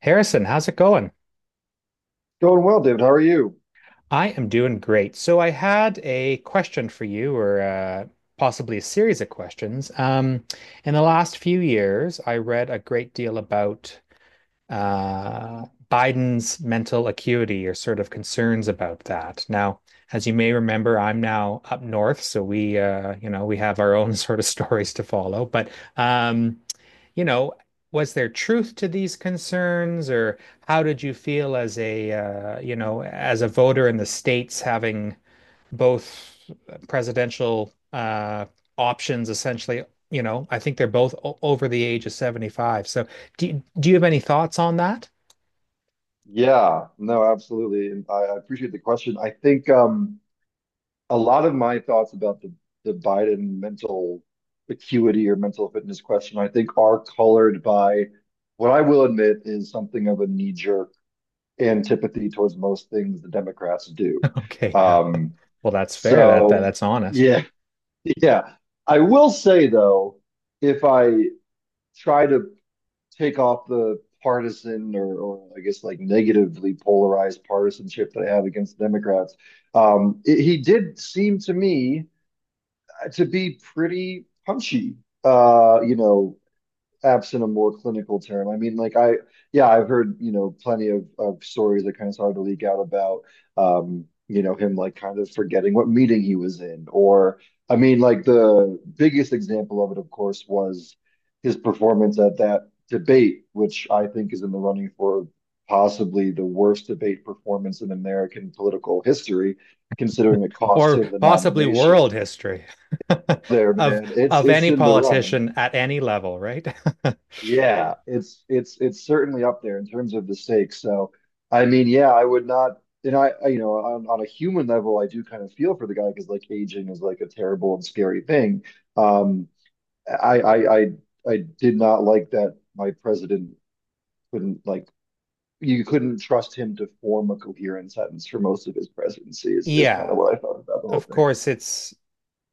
Harrison, how's it going? Going well, David. How are you? I am doing great. So I had a question for you, or possibly a series of questions. In the last few years, I read a great deal about Biden's mental acuity or sort of concerns about that. Now, as you may remember, I'm now up north, so we have our own sort of stories to follow. But um, you know, was there truth to these concerns, or how did you feel as a voter in the States having both presidential options essentially? You know, I think they're both o over the age of 75. So do you have any thoughts on that? Yeah, no, absolutely. And I appreciate the question. I think a lot of my thoughts about the Biden mental acuity or mental fitness question, I think are colored by what I will admit is something of a knee-jerk antipathy towards most things the Democrats do. Okay, yeah. Um, Well, that's fair. That, that so, that's honest. yeah, yeah. I will say, though, if I try to take off the partisan or I guess like negatively polarized partisanship that I have against Democrats, he did seem to me to be pretty punchy. You know, absent a more clinical term. I mean, yeah, I've heard, you know, plenty of stories that kind of started to leak out about, you know, him like kind of forgetting what meeting he was in. Or, I mean, like the biggest example of it, of course, was his performance at that debate, which I think is in the running for possibly the worst debate performance in American political history, considering it cost Or him the possibly nomination. world history There, of man, it's of it's any in the running. politician at any level, right? Yeah, it's certainly up there in terms of the stakes. So, I mean, yeah, I would not, and you know, on a human level, I do kind of feel for the guy because like aging is like a terrible and scary thing. Um, I I I I did not like that my president couldn't like you couldn't trust him to form a coherent sentence for most of his presidency is kind of Yeah, what I thought about the whole of thing. course it's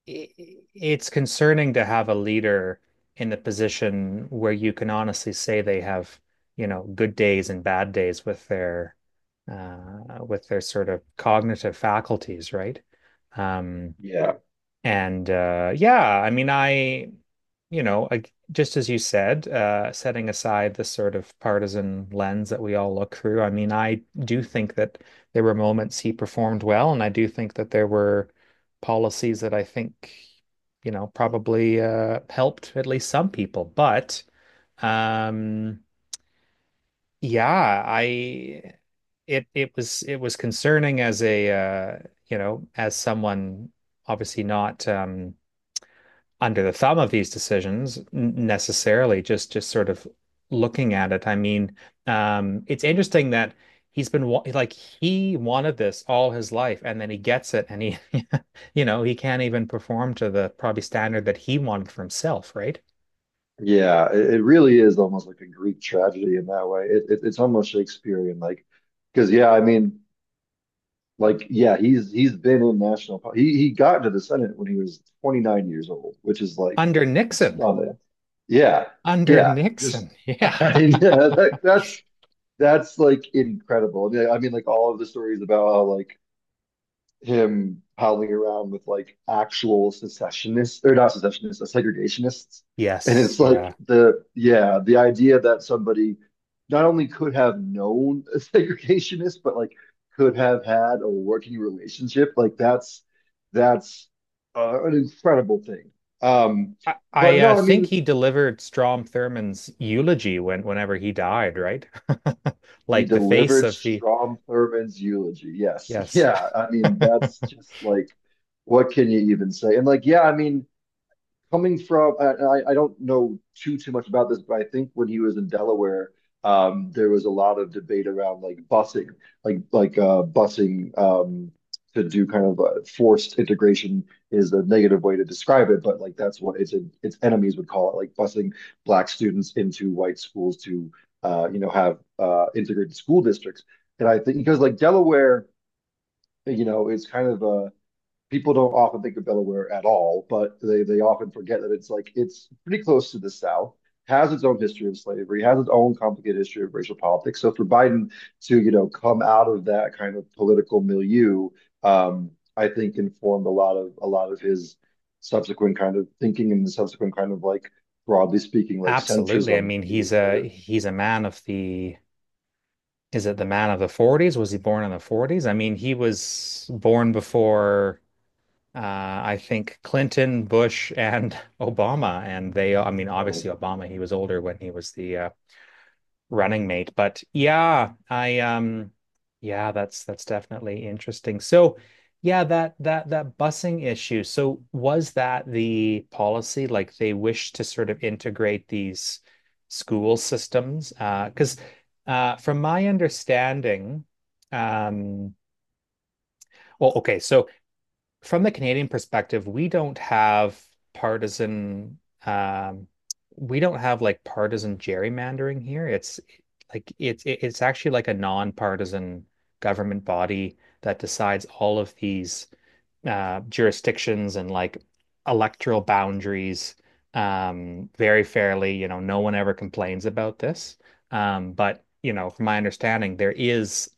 it's concerning to have a leader in the position where you can honestly say they have, you know, good days and bad days with their sort of cognitive faculties, right? Um, Yeah. and yeah, I mean, I, you know, I, just as you said, setting aside the sort of partisan lens that we all look through, I mean, I do think that there were moments he performed well, and I do think that there were policies that I think, you know, probably helped at least some people. But um, yeah, I it was concerning as a you know, as someone obviously not. Under the thumb of these decisions necessarily, just sort of looking at it. I mean, it's interesting that he's been, like, he wanted this all his life, and then he gets it and he you know, he can't even perform to the probably standard that he wanted for himself, right? Yeah, it really is almost like a Greek tragedy in that way. It's almost Shakespearean, like because yeah, I mean, like yeah, he's been in national. He got into the Senate when he was 29 years old, which is like Under Nixon. stunning. Yeah, Under yeah, just Nixon, yeah. I mean, yeah, that's like incredible. I mean, like all of the stories about how like him howling around with like actual secessionists or not secessionists, segregationists. And Yes, it's yeah. like the yeah, the idea that somebody not only could have known a segregationist, but like could have had a working relationship, like that's an incredible thing. Um, I, I but no, uh, I think mean he delivered Strom Thurmond's eulogy when whenever he died, right? he Like the face delivered of the, Strom Thurmond's eulogy. Yes, yes. yeah, I mean that's just like what can you even say? And like yeah, I mean coming from don't know too much about this, but I think when he was in Delaware, there was a lot of debate around like busing, busing to do kind of a forced integration is a negative way to describe it, but like that's what its enemies would call it, like busing black students into white schools to you know have integrated school districts, and I think because like Delaware, you know, it's kind of a people don't often think of Delaware at all, but they often forget that it's like it's pretty close to the South, has its own history of slavery, has its own complicated history of racial politics. So for Biden to, you know, come out of that kind of political milieu, um, I think informed a lot of his subsequent kind of thinking and the subsequent kind of like broadly speaking, like Absolutely. I centrism. mean, He he's a lived, he's a man of the— is it the man of the 40s? Was he born in the 40s? I mean, he was born before uh, I think Clinton, Bush, and Obama. And they, I mean, you know, obviously Obama, he was older when he was the running mate. But yeah, I yeah, that's definitely interesting. So yeah, that busing issue. So was that the policy? Like they wish to sort of integrate these school systems? Because from my understanding, um well, okay, so from the Canadian perspective, we don't have partisan— um we don't have, like, partisan gerrymandering here. It's actually like a non-partisan government body that decides all of these jurisdictions and like electoral boundaries, very fairly. You know, no one ever complains about this. But, you know, from my understanding, there is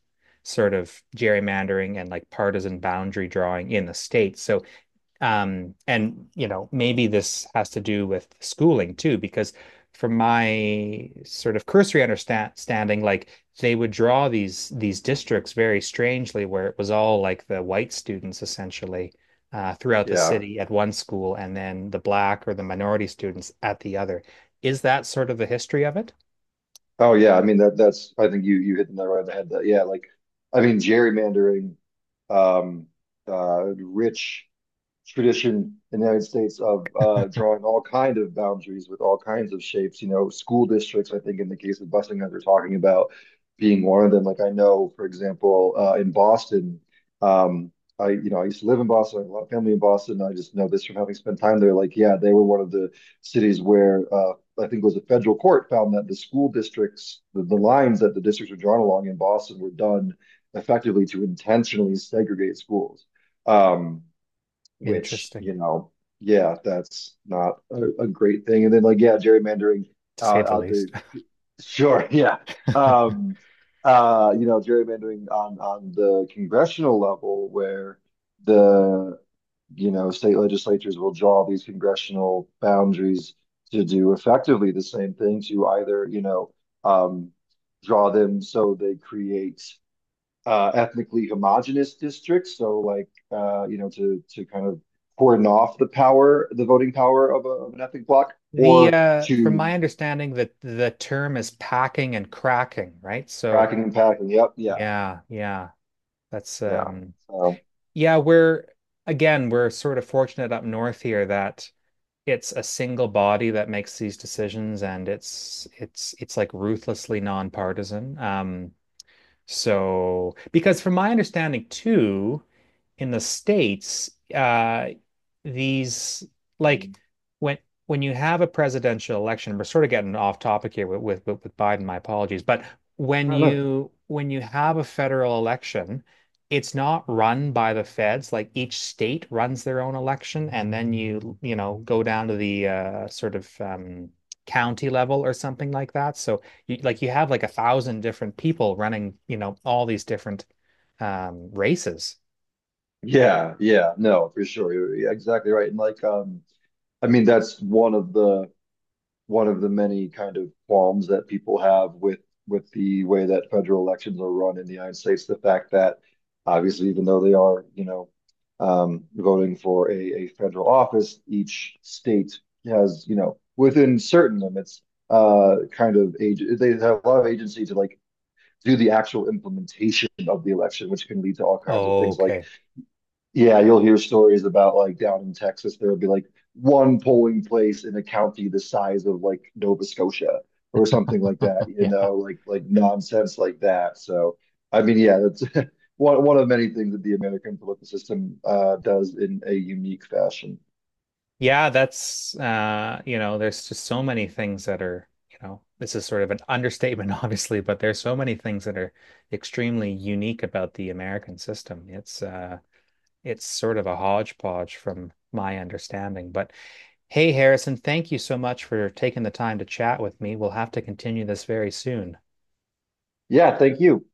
sort of gerrymandering and like partisan boundary drawing in the States. So and you know, maybe this has to do with schooling too, because from my sort of cursory understanding, like they would draw these districts very strangely, where it was all like the white students essentially throughout the yeah. city at one school, and then the black or the minority students at the other. Is that sort of the history of it? Oh yeah, I mean that's I think you hit the nail right on the head. That yeah, like I mean gerrymandering, um, rich tradition in the United States of drawing all kind of boundaries with all kinds of shapes. You know, school districts, I think in the case of busing that we're talking about being one of them. Like I know, for example, in Boston, um, you know, I used to live in Boston. I have a lot of family in Boston. I just know this from having spent time there. Like, yeah, they were one of the cities where I think it was a federal court found that the school districts, the lines that the districts were drawn along in Boston were done effectively to intentionally segregate schools. Um, which Interesting, you know, yeah, that's not a great thing. And then like, yeah, gerrymandering to uh, say the out least. the sure, yeah, um, you know, gerrymandering on the congressional level where the you know state legislatures will draw these congressional boundaries to do effectively the same thing to either you know um, draw them so they create ethnically homogenous districts. So like you know to kind of cordon off the power, the voting power of an ethnic bloc, The or from to my understanding that the term is packing and cracking, right? So cracking and packing. Yep, yeah, yeah, yeah. That's yeah. So yeah, we're— again, we're sort of fortunate up north here that it's a single body that makes these decisions, and it's like ruthlessly nonpartisan. So because from my understanding too, in the States, these, like, when when you have a presidential election— we're sort of getting off topic here with with Biden, my apologies— but I when don't know. you when you have a federal election, it's not run by the feds. Like each state runs their own election, and then you know, go down to the sort of county level or something like that. So you, like, you have like a thousand different people running, you know, all these different races. Yeah, yeah, no, for sure. You're exactly right. And like, I mean, that's one of the many kind of qualms that people have with the way that federal elections are run in the United States. The fact that obviously, even though they are, you know, voting for a federal office, each state has, you know, within certain limits, kind of age. They have a lot of agency to like do the actual implementation of the election, which can lead to all kinds of Oh, things like okay. yeah, you'll hear stories about like down in Texas, there'll be like one polling place in a county the size of like Nova Scotia or something like that, you Yeah. know, like nonsense like that. So, I mean, yeah, that's one of many things that the American political system does in a unique fashion. Yeah, that's you know, there's just so many things that are, you know, this is sort of an understatement, obviously, but there's so many things that are extremely unique about the American system. It's sort of a hodgepodge from my understanding. But hey, Harrison, thank you so much for taking the time to chat with me. We'll have to continue this very soon. Yeah, thank you.